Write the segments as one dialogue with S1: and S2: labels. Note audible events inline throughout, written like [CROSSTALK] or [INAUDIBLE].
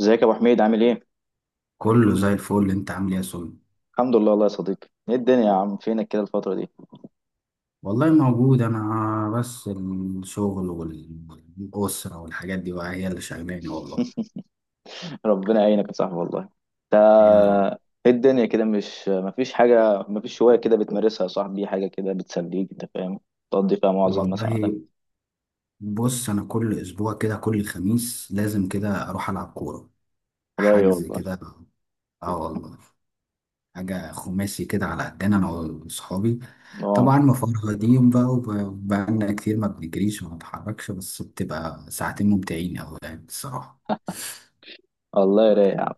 S1: ازيك يا ابو حميد عامل ايه؟
S2: كله زي الفل، انت عامل ايه يا سون؟
S1: الحمد لله والله يا صديقي. ايه الدنيا يا عم؟ فينك كده الفتره دي؟
S2: والله موجود، انا بس الشغل والاسره والحاجات دي بقى هي اللي شغلاني والله.
S1: [LAUGHS] ربنا يعينك يا صاحبي والله. انت
S2: يا رب.
S1: ايه الدنيا كده؟ مش مفيش حاجه، مفيش هوايه كده بتمارسها يا صاحبي، حاجه كده بتسليك، انت فاهم، تقضي فيها معظم مثلا وقتك؟
S2: والله، بص انا كل اسبوع كده، كل خميس لازم كده اروح العب كوره،
S1: رايق
S2: حجز
S1: والله.
S2: كده. اه والله، حاجه خماسي كده على قدنا انا واصحابي.
S1: اه
S2: طبعا مفرهدين بقى، وبقالنا كتير ما بنجريش وما بنتحركش، بس بتبقى ساعتين ممتعين قوي يعني الصراحه.
S1: والله رايق يا عم.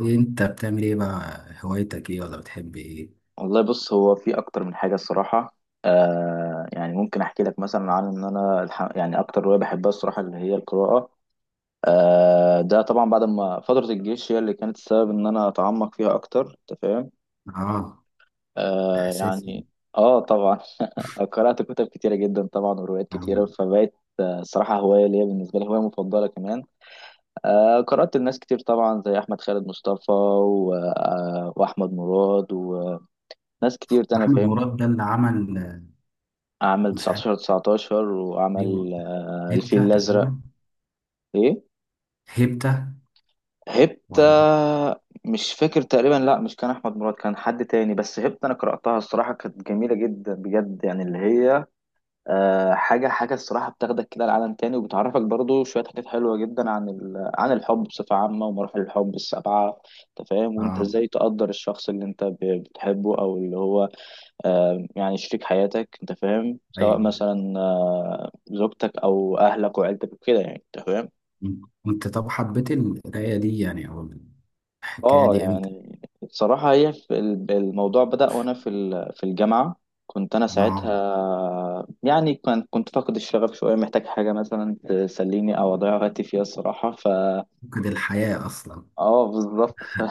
S2: انت بتعمل ايه بقى؟ هوايتك ايه ولا بتحب ايه؟
S1: والله بص، هو في اكتر من حاجه الصراحه. يعني ممكن احكي لك مثلا عن ان انا يعني اكتر هوايه بحبها الصراحه اللي هي القراءه. ده طبعا بعد ما فتره الجيش هي اللي كانت السبب ان انا اتعمق فيها اكتر، انت فاهم.
S2: اه، ده
S1: آه
S2: اساسي.
S1: يعني اه طبعا. [LAUGHS] قرأت كتب كتيرة جدا طبعا وروايات كتيرة
S2: آه.
S1: فبقت صراحة هواية ليا، بالنسبة لي هواية مفضلة كمان. قرأت لناس كتير طبعا زي أحمد خالد مصطفى و... آه وأحمد مراد وناس كتير تانية،
S2: احمد
S1: فاهمني.
S2: مراد ده اللي عمل.
S1: عمل
S2: مش عارف
S1: 19 19
S2: ليه.
S1: وعمل الفيل
S2: هيبتا
S1: الأزرق.
S2: تقريبا.
S1: إيه
S2: هيبتا.
S1: هبت؟
S2: ولا.
S1: مش فاكر تقريبا، لا مش كان أحمد مراد، كان حد تاني. بس هبت أنا قرأتها الصراحة، كانت جميلة جدا بجد يعني، اللي هي حاجة الصراحة بتاخدك كده لعالم تاني، وبتعرفك برضو شوية حاجات حلوة جدا عن عن الحب بصفة عامة، ومراحل الحب السبعة. أنت فاهم؟ وأنت
S2: اه.
S1: إزاي تقدر الشخص اللي أنت بتحبه أو اللي هو يعني شريك حياتك، أنت فاهم، سواء
S2: ايوه.
S1: مثلا زوجتك أو أهلك وعيلتك وكده، يعني أنت فاهم.
S2: انت طب حبيت القرايه دي يعني، او الحكايه
S1: اه
S2: دي امتى؟
S1: يعني بصراحة هي في الموضوع بدأ وانا في في الجامعة. كنت انا
S2: اه،
S1: ساعتها يعني كنت فاقد الشغف شوية، محتاج حاجة مثلا تسليني او اضيع وقتي فيها الصراحة، ف
S2: فقد الحياه اصلا.
S1: اه بالظبط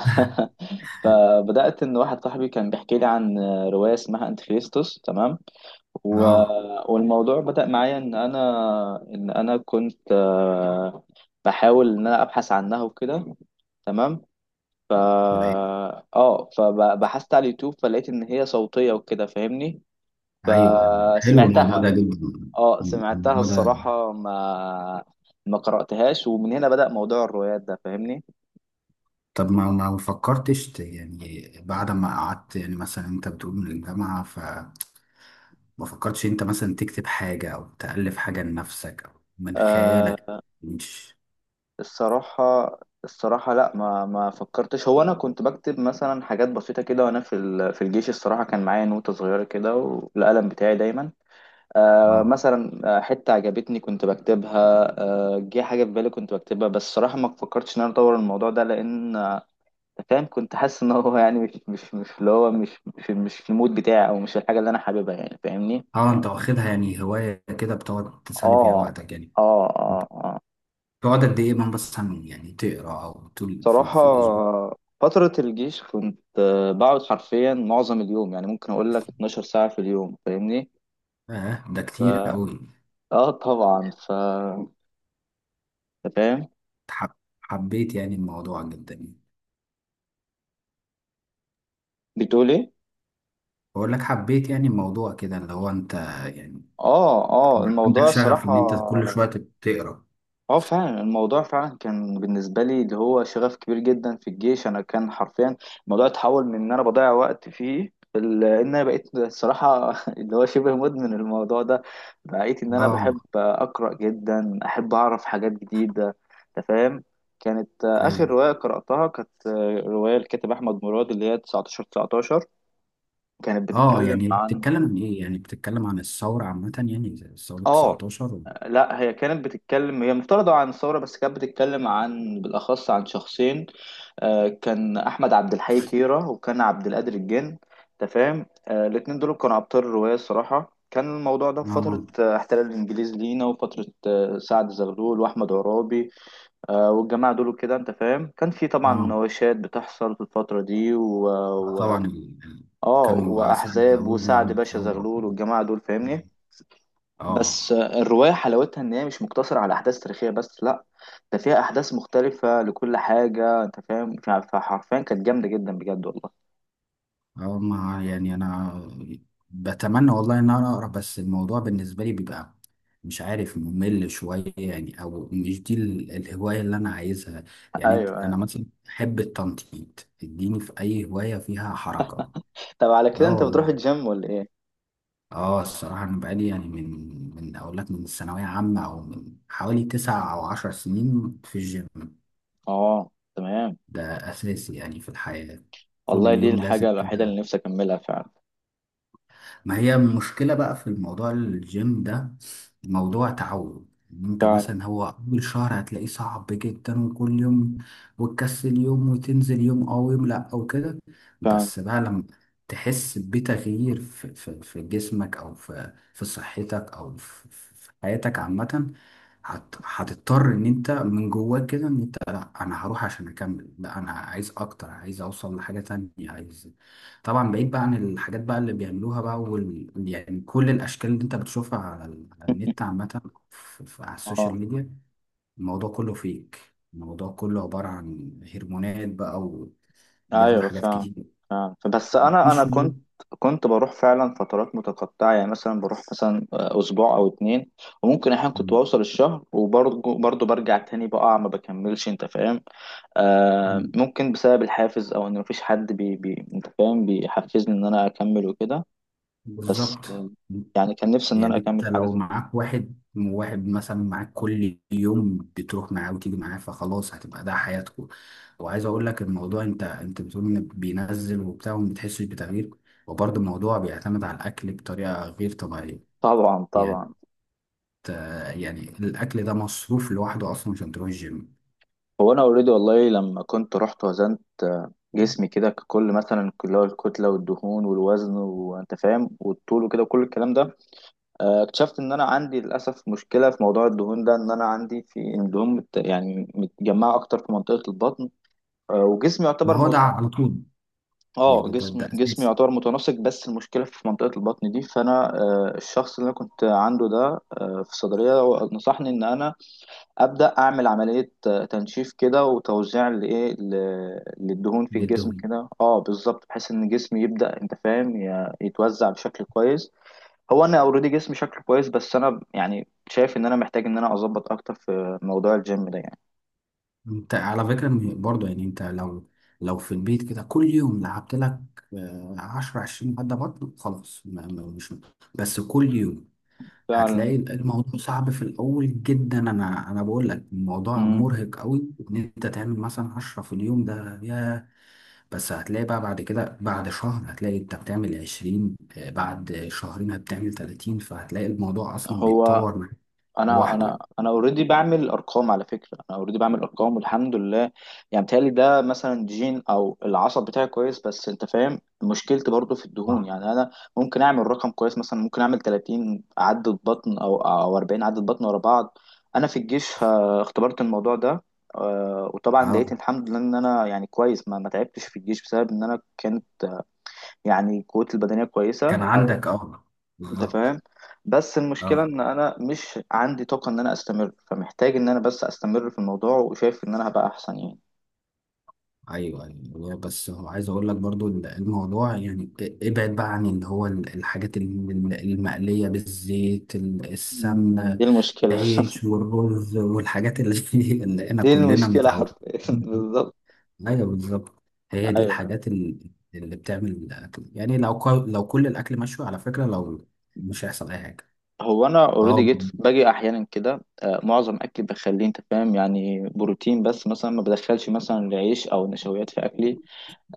S1: [LAUGHS] فبدأت ان واحد صاحبي كان بيحكي لي عن رواية اسمها انتيخريستوس، تمام. و...
S2: اه،
S1: والموضوع بدأ معايا ان انا ان انا كنت بحاول ان انا ابحث عنها وكده، تمام. ف
S2: فلقيت.
S1: اه فبحثت على اليوتيوب، فلقيت ان هي صوتية وكده، فاهمني.
S2: ايوه، أيوة. حلو الموضوع
S1: فسمعتها.
S2: ده جدا.
S1: اه سمعتها
S2: الموضوع ده.
S1: الصراحة، ما قرأتهاش، ومن هنا بدأ موضوع الروايات ده، فاهمني.
S2: طب ما فكرتش يعني بعد ما قعدت يعني مثلا انت بتقول من الجامعه، ما فكرتش انت مثلا تكتب حاجة او تألف حاجة لنفسك او من خيالك؟
S1: آه
S2: مش.
S1: الصراحة، الصراحة لا ما فكرتش. هو انا كنت بكتب مثلا حاجات بسيطة كده وانا في في الجيش، الصراحة كان معايا نوتة صغيرة كده والقلم بتاعي دايما.
S2: اه،
S1: مثلا حتة عجبتني كنت بكتبها، جه حاجة في بالي كنت بكتبها. بس صراحة ما فكرتش إن أنا أطور الموضوع ده، لأن أنت فاهم، كنت حاسس إن هو يعني مش اللي هو مش مش مش في المود بتاعي، أو مش الحاجة اللي أنا حاببها، يعني فاهمني؟
S2: اه. انت واخدها يعني هواية كده، بتقعد تسلي فيها
S1: آه
S2: وقتك يعني؟
S1: آه،
S2: تقعد قد ايه من بس يعني تقرا، او طول في,
S1: صراحة
S2: في الاسبوع؟
S1: فترة الجيش كنت بقعد حرفيا معظم اليوم، يعني ممكن أقول لك 12 ساعة في اليوم، فاهمني؟
S2: اه، ده كتير
S1: ف...
S2: قوي.
S1: آه طبعا ف أنت فاهم؟
S2: حب حبيت يعني الموضوع جدا يعني.
S1: بتقول إيه؟
S2: بقول لك حبيت يعني الموضوع كده اللي هو انت يعني.
S1: اه
S2: عندك
S1: الموضوع
S2: شغف
S1: الصراحة،
S2: ان انت كل شوية تقرا.
S1: اه فعلا الموضوع فعلا كان بالنسبة لي اللي هو شغف كبير جدا. في الجيش انا كان حرفيا الموضوع اتحول من ان انا بضيع وقت فيه ان انا بقيت الصراحة [LAUGHS] اللي هو شبه مدمن الموضوع ده، بقيت ان انا بحب
S2: اه.
S1: اقرأ جدا، احب اعرف حاجات جديدة، انت فاهم. كانت اخر
S2: ايوه.
S1: رواية قرأتها كانت رواية الكاتب احمد مراد اللي هي 19 19، كانت
S2: اه، يعني
S1: بتتكلم عن
S2: بتتكلم عن ايه؟ يعني بتتكلم عن الثورة عامة، يعني زي ثورة
S1: اه
S2: 19 و.
S1: لا، هي كانت بتتكلم، هي مفترضة عن الثورة، بس كانت بتتكلم عن بالأخص عن شخصين. كان أحمد عبد الحي كيرة، وكان عبد القادر الجن. أنت فاهم؟ الاتنين دول كانوا أبطال الرواية الصراحة. كان الموضوع ده في فترة
S2: اه،
S1: احتلال الإنجليز لينا، وفترة سعد زغلول وأحمد عرابي. والجماعة دول كده، أنت فاهم، كان في طبعا
S2: اه،
S1: مناوشات بتحصل في الفترة دي، و...
S2: آه،
S1: و...
S2: طبعا.
S1: آه
S2: كانوا أسعد
S1: وأحزاب،
S2: أول
S1: وسعد
S2: بعمل
S1: باشا
S2: ثورة.
S1: زغلول والجماعة دول، فاهمني.
S2: اه.
S1: بس الرواية حلاوتها إن هي مش مقتصرة على أحداث تاريخية بس، لأ، ده فيها أحداث مختلفة لكل حاجة، أنت فاهم. فحرفيا كانت جامدة جدا بجد والله.
S2: اه. ما يعني انا بتمنى والله ان انا اقرا، بس الموضوع بالنسبة لي بيبقى مش عارف، ممل شوية يعني، او مش دي الهواية اللي انا عايزها.
S1: [LAUGHS]
S2: يعني
S1: أيوه.
S2: انا مثلا احب التنطيط، اديني في اي هواية فيها حركة.
S1: طب على كده
S2: اه
S1: أنت بتروح
S2: والله.
S1: الجيم ولا إيه؟
S2: اه، الصراحة أنا بقالي يعني من أقول لك، من الثانوية عامة، أو من حوالي 9 أو 10 سنين في الجيم.
S1: آه تمام.
S2: ده أساسي يعني في الحياة. كل
S1: والله دي
S2: يوم لازم
S1: الحاجة الوحيدة اللي
S2: كده.
S1: نفسي أكملها فعلا.
S2: ما هي المشكلة بقى في الموضوع الجيم ده؟ موضوع تعود. إن انت
S1: فعلا،
S2: مثلا، هو اول شهر هتلاقيه صعب جدا، وكل يوم وتكسل يوم وتنزل يوم او يوم لا او كده.
S1: فعلا.
S2: بس بقى لما تحس بتغيير في جسمك، او في صحتك، او في حياتك عامة، هتضطر ان انت من جواك كده، ان انت لا، انا هروح عشان اكمل، لا انا عايز اكتر، عايز اوصل لحاجة تانية، عايز. طبعا بعيد بقى عن الحاجات بقى اللي بيعملوها بقى، يعني كل الاشكال اللي انت بتشوفها على النت
S1: [LAUGHS]
S2: عامه، على السوشيال
S1: آه
S2: ميديا. الموضوع كله فيك. الموضوع كله عباره عن هرمونات بقى، وبياخدوا
S1: أيوه
S2: حاجات
S1: فعلا.
S2: كتير.
S1: بس انا
S2: مش.
S1: كنت، كنت بروح فعلا فترات متقطعه، يعني مثلا بروح مثلا اسبوع او اتنين، وممكن احيانا كنت بوصل الشهر وبرضه، برجع تاني بقع ما بكملش، انت فاهم.
S2: م-
S1: ممكن بسبب الحافز، او ان مفيش حد بي بي انت فاهم بيحفزني ان انا اكمل وكده. بس
S2: بالظبط.
S1: آه يعني كان نفسي ان انا
S2: يعني انت
S1: اكمل حاجه
S2: لو
S1: زي كده.
S2: معاك واحد واحد مثلا، معاك كل يوم بتروح معاه وتيجي معاه، فخلاص هتبقى ده حياتكم. وعايز اقول لك الموضوع، انت بتقول ان بينزل وبتاع وما بتحسش بتغيير، وبرضه الموضوع بيعتمد على الاكل بطريقه غير طبيعيه.
S1: طبعا،
S2: يعني،
S1: طبعا.
S2: يعني الاكل ده مصروف لوحده اصلا عشان تروح الجيم.
S1: هو انا اوريدي والله لما كنت رحت وزنت جسمي كده ككل، مثلا اللي هو الكتله والدهون والوزن، وانت فاهم، والطول وكده وكل الكلام ده. اكتشفت ان انا عندي للاسف مشكله في موضوع الدهون ده، ان انا عندي في الدهون يعني متجمعه اكتر في منطقه البطن. وجسمي
S2: ما
S1: يعتبر
S2: هو
S1: م...
S2: ده على طول.
S1: اه
S2: يعني ده
S1: جسمي،
S2: ده اساسي
S1: يعتبر متناسق، بس المشكله في منطقه البطن دي. فانا الشخص اللي انا كنت عنده ده في الصيدليه، هو نصحني ان انا ابدا اعمل عمليه تنشيف كده، وتوزيع للدهون في
S2: جدا.
S1: الجسم كده. اه بالظبط، بحيث ان جسمي يبدا انت فاهم يتوزع بشكل كويس. هو انا اوريدي جسمي شكله كويس، بس انا يعني شايف ان انا محتاج ان انا اظبط اكتر في موضوع الجيم ده يعني.
S2: انت على فكرة، برضه يعني انت لو في البيت كده كل يوم لعبت لك، 10 20 عدة بطن، خلاص، مش بس كل يوم
S1: فعلا.
S2: هتلاقي الموضوع صعب في الأول جدا، أنا بقول لك الموضوع
S1: مم.
S2: مرهق قوي إن أنت تعمل مثلا 10 في اليوم ده يا. بس هتلاقي بقى بعد كده، بعد شهر هتلاقي أنت بتعمل 20، بعد شهرين هتعمل 30، فهتلاقي الموضوع أصلا
S1: هو
S2: بيتطور معاك
S1: انا
S2: لوحده.
S1: انا انا اوريدي بعمل ارقام على فكره، انا اوريدي بعمل ارقام والحمد لله. يعني بتهيألي ده مثلا جين، او العصب بتاعي كويس، بس انت فاهم مشكلتي برضو في الدهون
S2: اه.
S1: يعني. انا ممكن اعمل رقم كويس، مثلا ممكن اعمل 30 عدة بطن او 40 عدة بطن ورا بعض. انا في الجيش اختبرت الموضوع ده وطبعا
S2: اه.
S1: لقيت الحمد لله ان انا يعني كويس، ما تعبتش في الجيش بسبب ان انا كانت يعني قوتي البدنيه
S2: كان
S1: كويسه، او
S2: عندك اه
S1: انت
S2: بالظبط.
S1: فاهم. بس المشكله
S2: اه،
S1: ان انا مش عندي طاقه ان انا استمر، فمحتاج ان انا بس استمر في الموضوع، وشايف ان انا هبقى احسن يعني.
S2: ايوه، ايوه، والله بس هو عايز اقول لك برضو الموضوع، يعني ابعد بقى عن اللي هو الحاجات المقليه بالزيت، السمنه،
S1: دي المشكله.
S2: العيش والرز والحاجات اللي [LAUGHS] اللي
S1: [LAUGHS]
S2: احنا
S1: دي
S2: كلنا
S1: المشكله حرفيا.
S2: متعودين.
S1: [LAUGHS] بالظبط،
S2: ايوه، بالظبط. هي دي
S1: ايوه.
S2: الحاجات اللي بتعمل الاكل، يعني لو كل الاكل مشوي على فكره، لو مش هيحصل اي حاجه.
S1: هو انا اوريدي
S2: اه،
S1: جيت باجي احيانا كده، معظم اكلي بخليه انت فاهم يعني بروتين بس، مثلا ما بدخلش مثلا عيش او نشويات في اكلي.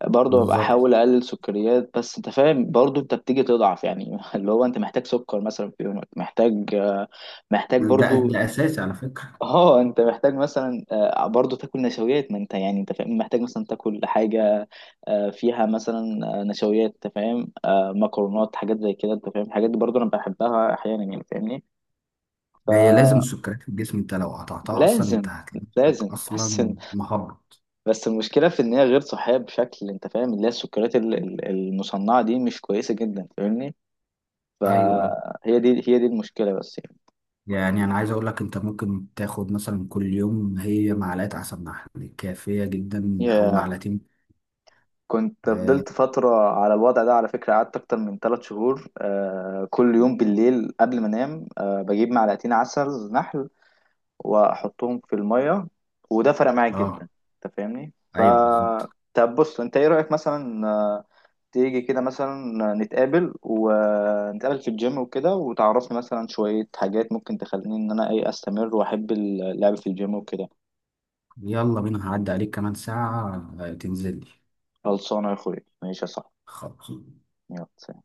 S1: برضه ببقى
S2: بالظبط.
S1: احاول اقلل سكريات. بس انت فاهم برضه انت بتيجي تضعف يعني، [LAUGHS] اللي هو انت محتاج سكر مثلا في يومك، محتاج محتاج
S2: ده
S1: برضو.
S2: ده اساسي على فكره.
S1: اه انت محتاج مثلا برضه تاكل نشويات، ما انت يعني انت فاهم محتاج مثلا تاكل حاجه فيها مثلا نشويات، انت فاهم، مكرونات حاجات زي كده، انت فاهم، الحاجات دي برضه انا بحبها احيانا يعني فاهمني.
S2: هي لازم السكريات في الجسم، انت لو قطعتها اصلا، انت
S1: لازم،
S2: هتلاقي
S1: لازم. [LAUGHS]
S2: نفسك
S1: بس،
S2: اصلا مهبط.
S1: بس المشكله في ان هي غير صحيه بشكل، انت فاهم اللي هي السكريات المصنعه دي مش كويسه جدا، فاهمني.
S2: ايوه، ايوه.
S1: فهي دي، هي دي المشكله بس.
S2: يعني انا عايز اقول لك، انت ممكن تاخد مثلا كل يوم هي معلقه عسل نحل كافيه جدا او
S1: يعني
S2: معلقتين.
S1: كنت
S2: اه.
S1: فضلت فترة على الوضع ده على فكرة، قعدت أكتر من ثلاث شهور. آه كل يوم بالليل قبل ما أنام، آه بجيب معلقتين عسل نحل وأحطهم في المية، وده فرق معايا جدا.
S2: آه.
S1: أنت فاهمني؟ ف
S2: ايوه، بالظبط.
S1: طب بص أنت إيه رأيك مثلا تيجي كده مثلا نتقابل، ونتقابل في الجيم وكده، وتعرفني مثلا شوية حاجات ممكن تخليني إن أنا إيه أستمر وأحب اللعب في الجيم وكده.
S2: يلا بينا، هعدي عليك كمان ساعه. آه، تنزل لي.
S1: خلصانة يا أخويا، ماشي يا صاحبي.
S2: خلاص.
S1: يلا.